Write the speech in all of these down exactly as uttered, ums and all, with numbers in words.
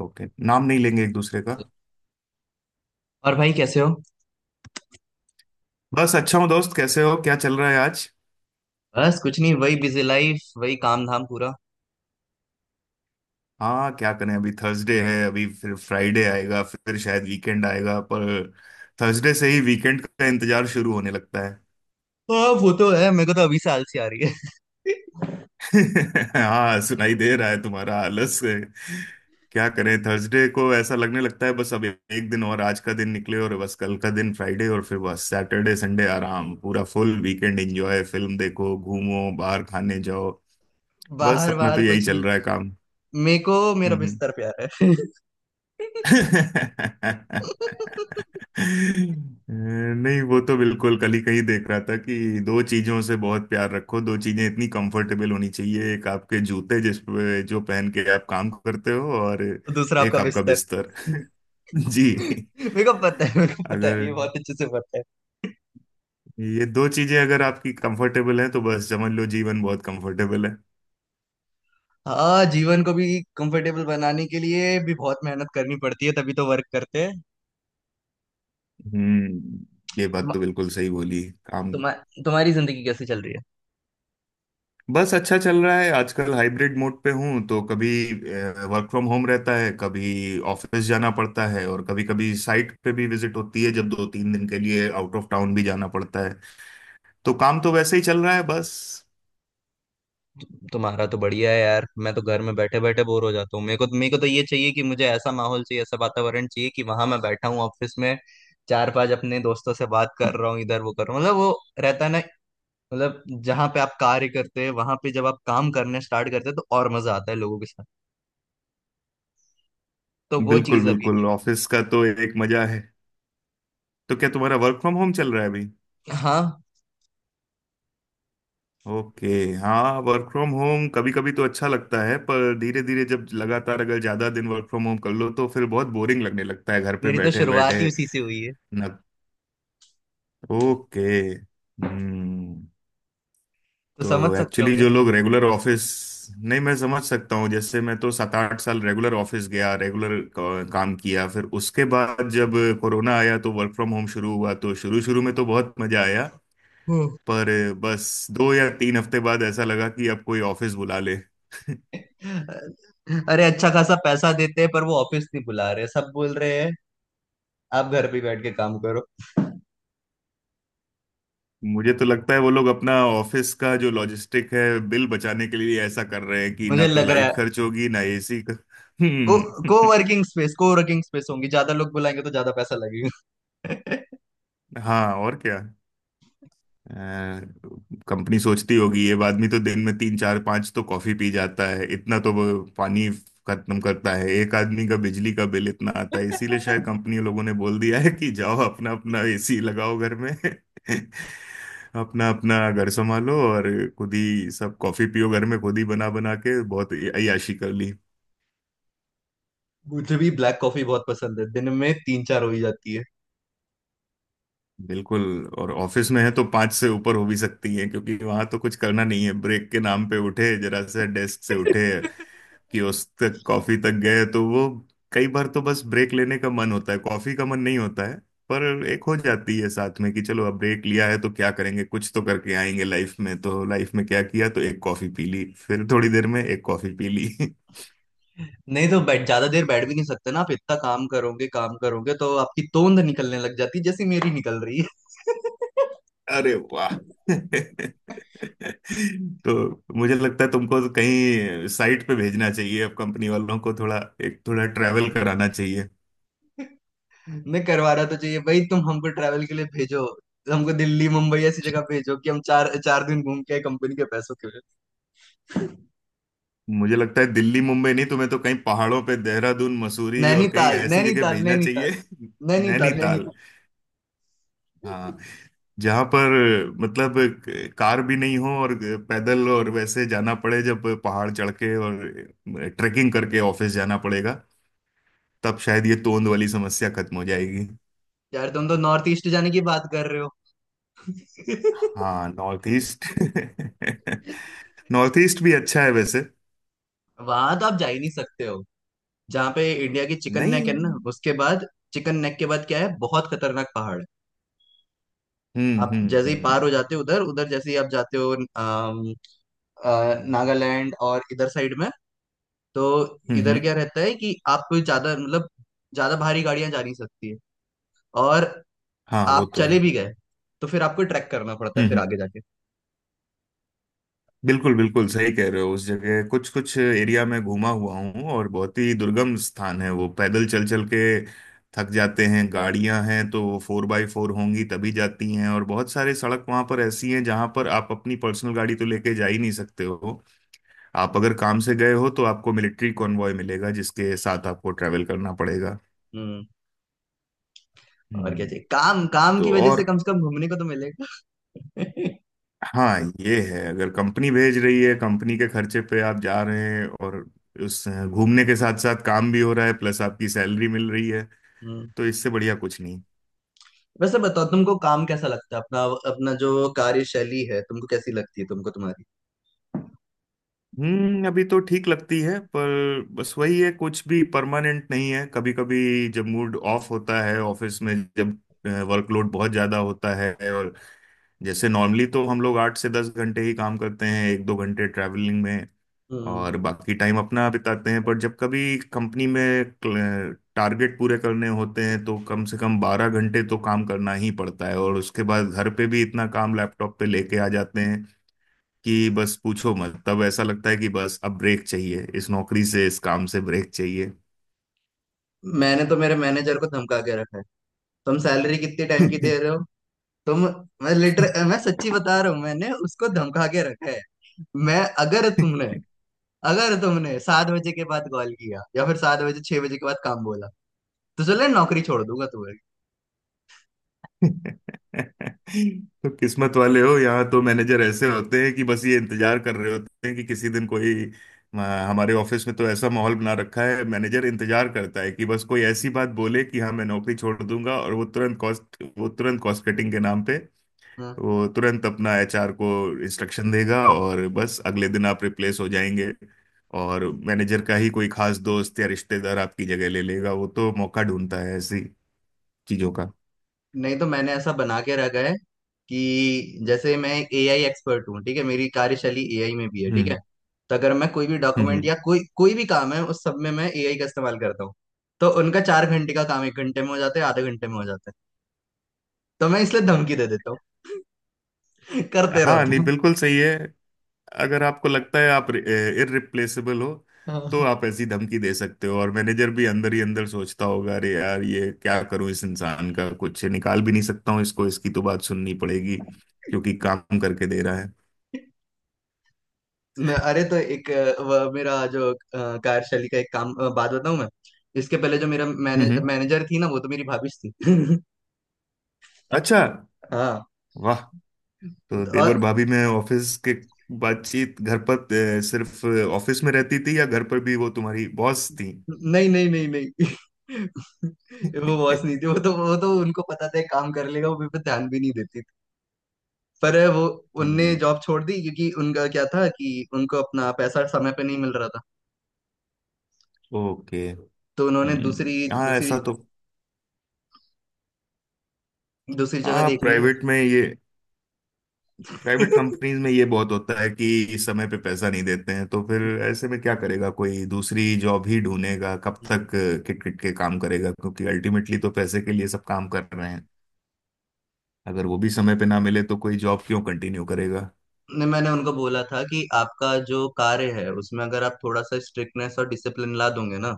Okay, नाम नहीं लेंगे एक दूसरे का। और भाई कैसे हो? बस अच्छा हूँ। दोस्त, कैसे हो? क्या चल रहा है आज? बस कुछ नहीं, वही बिजी लाइफ, वही काम धाम पूरा। हाँ, क्या करें, अभी थर्सडे है, अभी फिर फ्राइडे आएगा, फिर शायद वीकेंड आएगा, पर थर्सडे से ही वीकेंड का इंतजार शुरू होने लगता है। हाँ, वो तो है। मेरे को तो अभी से आलसी आ रही है। हाँ, सुनाई दे रहा है तुम्हारा आलस। क्या करें, थर्सडे को ऐसा लगने लगता है, बस अब एक दिन और, आज का दिन निकले और बस कल का दिन फ्राइडे, और फिर बस सैटरडे, संडे आराम, पूरा फुल वीकेंड एंजॉय, फिल्म देखो, घूमो, बाहर खाने जाओ। बस बाहर अपना तो बाहर यही कुछ नहीं। चल रहा है काम। मेरे को मेरा हम्म, हम्म। बिस्तर प्यार है। नहीं, वो तो बिल्कुल कल ही कहीं देख रहा था कि दो चीजों से बहुत प्यार रखो, दो चीजें इतनी कंफर्टेबल होनी चाहिए, एक आपके जूते जिस पे जो पहन के आप काम करते हो, और तो दूसरा आपका एक आपका बिस्तर। बिस्तर। जी। मेरे को पता है, मेरे को पता है, ये अगर बहुत अच्छे से पता है। ये दो चीजें अगर आपकी कंफर्टेबल हैं तो बस समझ लो, जीवन बहुत कंफर्टेबल है। हाँ, जीवन को भी कंफर्टेबल बनाने के लिए भी बहुत मेहनत करनी पड़ती है, तभी तो वर्क करते हैं। हम्म। ये तुम, बात तो बिल्कुल सही बोली। काम। तुम्हा, तुम्हारी जिंदगी कैसे चल रही है? बस अच्छा चल रहा है, आजकल हाइब्रिड मोड पे हूँ, तो कभी वर्क फ्रॉम होम रहता है, कभी ऑफिस जाना पड़ता है, और कभी कभी साइट पे भी विजिट होती है, जब दो तीन दिन के लिए आउट ऑफ टाउन भी जाना पड़ता है। तो काम तो वैसे ही चल रहा है बस। तुम्हारा तो बढ़िया है यार। मैं तो घर में बैठे बैठे बोर हो जाता हूँ। मेरे को तो, मेरे को तो ये चाहिए कि मुझे ऐसा माहौल चाहिए, ऐसा वातावरण चाहिए, कि वहां मैं बैठा हूँ ऑफिस में, चार पांच अपने दोस्तों से बात कर रहा हूँ, इधर वो कर रहा हूँ, मतलब वो रहता है ना, मतलब जहाँ पे आप कार्य करते हैं वहां पे जब आप काम करने स्टार्ट करते हैं तो और मजा आता है लोगों के साथ। तो वो बिल्कुल, चीज अभी बिल्कुल, नहीं ऑफिस का तो एक मजा है। तो क्या तुम्हारा वर्क फ्रॉम होम चल रहा है अभी? हुई है। हाँ। ओके। हाँ, वर्क फ्रॉम होम कभी कभी तो अच्छा लगता है, पर धीरे धीरे जब लगातार अगर ज्यादा दिन वर्क फ्रॉम होम कर लो तो फिर बहुत बोरिंग लगने लगता है घर पे मेरी तो बैठे शुरुआत बैठे। ही उसी से हुई है, ना। ओके। हम्म। तो समझ तो सकते एक्चुअली होंगे। जो लोग रेगुलर ऑफिस। नहीं, मैं समझ सकता हूँ। जैसे मैं तो सात आठ साल रेगुलर ऑफिस गया, रेगुलर काम किया, फिर उसके बाद जब कोरोना आया तो वर्क फ्रॉम होम शुरू हुआ, तो शुरू शुरू में तो बहुत मजा आया। हम्म। पर बस दो या तीन हफ्ते बाद ऐसा लगा कि अब कोई ऑफिस बुला ले। अरे, अच्छा खासा पैसा देते हैं, पर वो ऑफिस नहीं बुला रहे, सब बोल रहे हैं आप घर पे बैठ के काम। मुझे तो लगता है वो लोग अपना ऑफिस का जो लॉजिस्टिक है, बिल बचाने के लिए ऐसा कर रहे हैं कि मुझे ना तो लग रहा लाइट है खर्च होगी, ना एसी का। को को हम्म। वर्किंग स्पेस को वर्किंग स्पेस होंगी, ज्यादा लोग बुलाएंगे तो ज्यादा पैसा लगेगा। हाँ, और क्या। कंपनी सोचती होगी ये आदमी तो दिन में तीन चार पांच तो कॉफी पी जाता है, इतना तो वो पानी खत्म करता है, एक आदमी का बिजली का बिल इतना आता है, इसीलिए शायद कंपनी लोगों ने बोल दिया है कि जाओ अपना अपना एसी लगाओ घर में। अपना अपना घर संभालो, और खुद ही सब कॉफी पियो घर में, खुद ही बना बना के बहुत अय्याशी कर ली। मुझे भी ब्लैक कॉफी बहुत पसंद है, दिन में तीन चार हो ही जाती है। बिल्कुल। और ऑफिस में है तो पांच से ऊपर हो भी सकती है, क्योंकि वहां तो कुछ करना नहीं है, ब्रेक के नाम पे उठे, जरा सा डेस्क से उठे, कियोस्क तक कॉफी तक गए तो वो। कई बार तो बस ब्रेक लेने का मन होता है, कॉफी का मन नहीं होता है। पर एक हो जाती है साथ में कि चलो अब ब्रेक लिया है तो क्या करेंगे, कुछ तो करके आएंगे लाइफ में, तो लाइफ में क्या किया, तो एक कॉफी पी ली, फिर थोड़ी देर में एक कॉफी पी ली। नहीं तो बैठ ज्यादा देर बैठ भी नहीं सकते ना, आप इतना काम करोगे काम करोगे तो आपकी तोंद निकलने लग जाती है, जैसी मेरी निकल रही है। अरे वाह। तो मुझे लगता है तुमको तो कहीं साइट पे भेजना चाहिए अब, कंपनी वालों को थोड़ा, एक थोड़ा ट्रैवल कराना चाहिए। नहीं, करवाना तो चाहिए भाई, तुम हमको ट्रैवल के लिए भेजो। हमको दिल्ली मुंबई ऐसी जगह भेजो कि हम चार चार दिन घूम के आए, कंपनी के पैसों के लिए। मुझे लगता है दिल्ली मुंबई नहीं, तुम्हें तो कहीं पहाड़ों पे देहरादून, मसूरी और कहीं नैनीताल, ऐसी जगह नैनीताल, भेजना नैनीताल, चाहिए। नैनीताल, नैनीताल। नैनीताल। हाँ, जहां पर मतलब कार भी नहीं हो और पैदल और वैसे जाना पड़े, जब पहाड़ चढ़ के और ट्रेकिंग करके ऑफिस जाना पड़ेगा, तब शायद ये तोंद वाली समस्या खत्म हो जाएगी। यार, तुम तो नॉर्थ ईस्ट जाने की बात कर रहे हो। हाँ, नॉर्थ ईस्ट, नॉर्थ ईस्ट भी अच्छा है वैसे। वहां तो आप जा ही नहीं सकते हो, जहाँ पे इंडिया की चिकन नेक नहीं। है ना, उसके बाद। चिकन नेक के बाद क्या है, बहुत खतरनाक पहाड़ है। हम्म, आप हम्म, जैसे ही हम्म। पार हो जाते हो उधर उधर, जैसे ही आप जाते हो, अम, अ, नागालैंड और इधर साइड में, तो हम्म, इधर हम्म। क्या रहता है कि आप कोई ज्यादा, मतलब, ज्यादा भारी गाड़ियां जा नहीं सकती है। और हाँ, वो आप तो है। चले भी गए तो फिर आपको ट्रैक करना पड़ता है, हम्म, फिर हम्म। आगे जाके। बिल्कुल, बिल्कुल सही कह रहे हो। उस जगह कुछ कुछ एरिया में घूमा हुआ हूँ और बहुत ही दुर्गम स्थान है वो, पैदल चल चल के थक जाते हैं। गाड़ियां हैं तो वो फोर बाई फोर होंगी तभी जाती हैं, और बहुत सारे सड़क वहां पर ऐसी हैं जहां पर आप अपनी पर्सनल गाड़ी तो लेके जा ही नहीं सकते हो। आप अगर काम से गए हो तो आपको मिलिट्री कॉन्वॉय मिलेगा जिसके साथ आपको ट्रैवल करना पड़ेगा। हम्म। और क्या हम्म। चाहिए, काम काम तो की वजह और। से कम से कम घूमने को तो मिलेगा। हाँ, ये है, अगर कंपनी भेज रही है, कंपनी के खर्चे पे आप जा रहे हैं और उस घूमने के साथ साथ काम भी हो रहा है, प्लस आपकी सैलरी मिल रही है, हम्म तो इससे बढ़िया कुछ नहीं। वैसे बताओ, तुमको काम कैसा लगता है अपना, अपना जो कार्यशैली है तुमको कैसी लगती है तुमको तुम्हारी? हम्म अभी तो ठीक लगती है, पर बस वही है, कुछ भी परमानेंट नहीं है। कभी कभी जब मूड ऑफ होता है ऑफिस में, जब वर्कलोड बहुत ज्यादा होता है, और जैसे नॉर्मली तो हम लोग आठ से दस घंटे ही काम करते हैं, एक दो घंटे ट्रैवलिंग में हम्म और बाकी टाइम अपना बिताते हैं, पर जब कभी कंपनी में टारगेट पूरे करने होते हैं तो कम से कम बारह घंटे तो काम करना ही पड़ता है, और उसके बाद घर पे भी इतना काम लैपटॉप पे लेके आ जाते हैं कि बस पूछो मत। तब ऐसा लगता है कि बस अब ब्रेक चाहिए, इस नौकरी से, इस काम से ब्रेक चाहिए। मैंने तो मेरे मैनेजर को धमका के रखा है। तुम सैलरी कितने टाइम की दे रहे हो? तुम मैं लिटर मैं सच्ची बता रहा हूँ, मैंने उसको धमका के रखा है। मैं अगर तुमने अगर तुमने सात बजे के बाद कॉल किया या फिर सात बजे छह बजे के बाद काम बोला तो चले नौकरी छोड़ दूंगा तुम्हारी। तो किस्मत वाले हो, यहाँ तो मैनेजर ऐसे होते हैं कि बस ये इंतजार कर रहे होते हैं कि किसी दिन कोई आ। हमारे ऑफिस में तो ऐसा माहौल बना रखा है, मैनेजर इंतजार करता है कि बस कोई ऐसी बात बोले कि हाँ, मैं नौकरी छोड़ दूंगा, और वो तुरंत कॉस्ट वो तुरंत कॉस्ट कटिंग के नाम पे हाँ। वो तुरंत अपना एच आर को इंस्ट्रक्शन देगा, और बस अगले दिन आप रिप्लेस हो जाएंगे। और मैनेजर का ही कोई खास दोस्त या रिश्तेदार आपकी जगह ले लेगा। वो तो मौका ढूंढता है ऐसी चीजों का। नहीं, तो मैंने ऐसा बना के रखा है कि जैसे मैं एक ए आई एक्सपर्ट हूँ, ठीक है? मेरी कार्यशैली ए आई में भी है, ठीक है? हम्म, तो अगर मैं कोई भी डॉक्यूमेंट हम्म। या कोई कोई भी काम है उस सब में मैं ए आई का इस्तेमाल करता हूँ। तो उनका चार घंटे का काम एक घंटे में हो जाता है, आधे घंटे में हो जाता है। तो मैं इसलिए धमकी दे देता हूँ। करते रहो हाँ, नहीं, तुम। बिल्कुल सही है। अगर आपको लगता है आप इररिप्लेसेबल हो, हाँ। तो आप ऐसी धमकी दे सकते हो, और मैनेजर भी अंदर ही अंदर सोचता होगा, अरे यार, ये क्या करूं, इस इंसान का कुछ निकाल भी नहीं सकता हूं, इसको, इसकी तो बात सुननी पड़ेगी, क्योंकि काम करके दे रहा है। न- अरे तो एक अ, वह मेरा जो अ, कार्यशैली का एक काम अ, बात बताऊं मैं। इसके पहले जो मेरा हम्म, मैने, हम्म। मैनेजर थी ना, वो तो मेरी भाभी थी। अच्छा। हाँ। वाह। तो देवर भाभी में ऑफिस के बातचीत घर पर, अ, सिर्फ ऑफिस में रहती थी या घर पर भी वो तुम्हारी बॉस थी? नहीं, नहीं, नहीं, नहीं। वो बॉस नहीं थी, वो तो वो तो उनको पता था एक काम कर लेगा, वो मेरे पे ध्यान भी नहीं देती थी। पर वो उनने हम्म। जॉब छोड़ दी, क्योंकि उनका क्या था कि उनको अपना पैसा समय पे नहीं मिल रहा था। ओके। तो उन्होंने हम्म, दूसरी हाँ, दूसरी ऐसा तो। दूसरी जगह हाँ, देख प्राइवेट में ये प्राइवेट लिया। कंपनीज में ये बहुत होता है कि समय पे पैसा नहीं देते हैं, तो फिर ऐसे में क्या करेगा, कोई दूसरी जॉब ही ढूंढेगा, कब तक किट किट के काम करेगा, क्योंकि अल्टीमेटली तो पैसे के लिए सब काम कर रहे हैं। अगर वो भी समय पे ना मिले तो कोई जॉब क्यों कंटिन्यू करेगा? नहीं, मैंने उनको बोला था कि आपका जो कार्य है उसमें अगर आप थोड़ा सा स्ट्रिक्टनेस और डिसिप्लिन ला दोगे ना,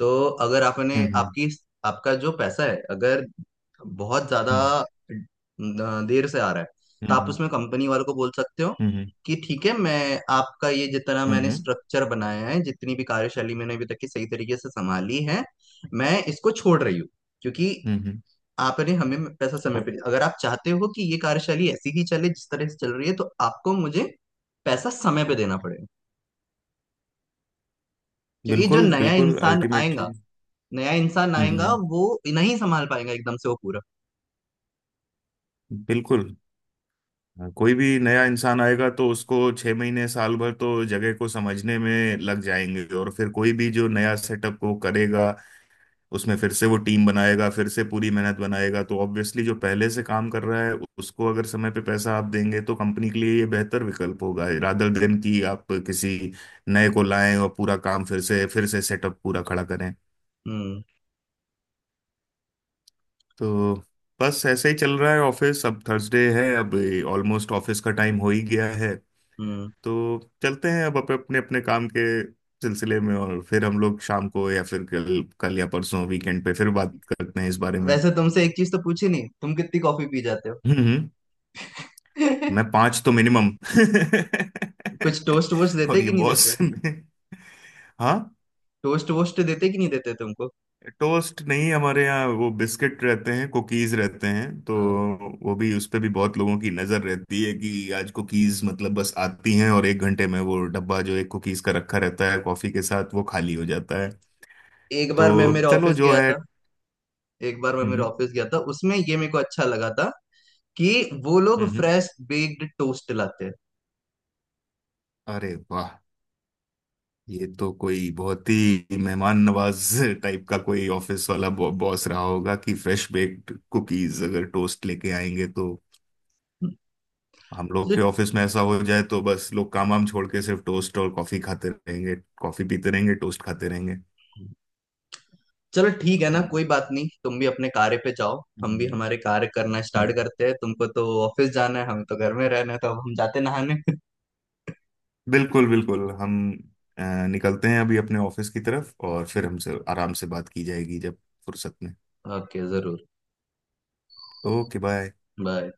तो अगर आपने हम्म, आपकी आपका जो पैसा है अगर बहुत ज्यादा हम्म, न- देर से आ रहा है, तो हम्म, आप हम्म, उसमें कंपनी वालों को बोल सकते हो हम्म, कि ठीक है, मैं आपका ये जितना हम्म, मैंने हम्म, स्ट्रक्चर बनाया है, जितनी भी कार्यशैली मैंने अभी तक की सही तरीके से संभाली है, मैं इसको छोड़ रही हूँ, क्योंकि हम्म, हम्म। आपने हमें पैसा समय ओ, पे दिया। अगर आप चाहते हो कि ये कार्यशैली ऐसी ही चले जिस तरह से चल रही है, तो आपको मुझे पैसा समय पे देना पड़ेगा। क्योंकि जो बिल्कुल, नया बिल्कुल, इंसान आएगा, अल्टीमेटली। नया इंसान हम्म, आएगा हम्म। वो नहीं संभाल पाएगा एकदम से वो पूरा। बिल्कुल। हाँ, कोई भी नया इंसान आएगा तो उसको छह महीने साल भर तो जगह को समझने में लग जाएंगे, और फिर कोई भी जो नया सेटअप को करेगा, उसमें फिर से वो टीम बनाएगा, फिर से पूरी मेहनत बनाएगा, तो ऑब्वियसली जो पहले से काम कर रहा है, उसको अगर समय पे पैसा आप देंगे तो कंपनी के लिए ये बेहतर विकल्प होगा, रादर देन कि आप किसी नए को लाएं और पूरा काम फिर से फिर से सेटअप पूरा खड़ा करें। हम्म तो बस ऐसे ही चल रहा है ऑफिस। अब थर्सडे है, अब ऑलमोस्ट ऑफिस का टाइम हो ही गया है। हम्म तो चलते हैं अब अप- अपने अपने काम के सिलसिले में, और फिर हम लोग शाम को या फिर कल कल या परसों वीकेंड पे फिर बात करते हैं इस बारे में। वैसे तुमसे एक चीज तो पूछी नहीं, तुम कितनी कॉफी पी जाते हो? हम्म, हम्म, मैं पांच तो मिनिमम। कुछ टोस्ट वोस्ट देते और ये कि नहीं देते? बॉस में। हाँ। टोस्ट वोस्ट देते कि नहीं देते तुमको? टोस्ट नहीं, हमारे यहाँ वो बिस्किट रहते हैं, कुकीज रहते हैं, तो हाँ। वो भी, उस पे भी बहुत लोगों की नजर रहती है कि आज कुकीज मतलब बस आती हैं और एक घंटे में वो डब्बा जो एक कुकीज का रखा रहता है कॉफी के साथ वो खाली हो जाता है। एक बार मैं तो मेरे चलो, ऑफिस जो गया है। था, एक बार मैं मेरे हम्म, ऑफिस गया था, उसमें ये मेरे को अच्छा लगा था कि वो लोग हम्म। फ्रेश बेक्ड टोस्ट लाते हैं। अरे वाह। ये तो कोई बहुत ही मेहमान नवाज टाइप का कोई ऑफिस वाला बॉ, बॉस रहा होगा कि फ्रेश बेक्ड कुकीज अगर टोस्ट लेके आएंगे तो। हम लोग चलो। के ऑफिस में ऐसा हो जाए तो बस लोग काम वाम छोड़ के सिर्फ टोस्ट और कॉफी खाते रहेंगे, कॉफी पीते रहेंगे, टोस्ट खाते रहेंगे। चलो, ठीक है ना, हम्म, कोई बात नहीं, तुम भी अपने कार्य पे जाओ, हम भी हम्म, हमारे कार्य करना हम्म। स्टार्ट करते हैं, तुमको तो ऑफिस जाना है, हमें तो घर में रहना है, तो अब हम जाते नहाने। बिल्कुल, बिल्कुल हम अ, निकलते हैं अभी अपने ऑफिस की तरफ और फिर हमसे आराम से बात की जाएगी जब फुर्सत में। ओके, जरूर। Okay, bye. बाय।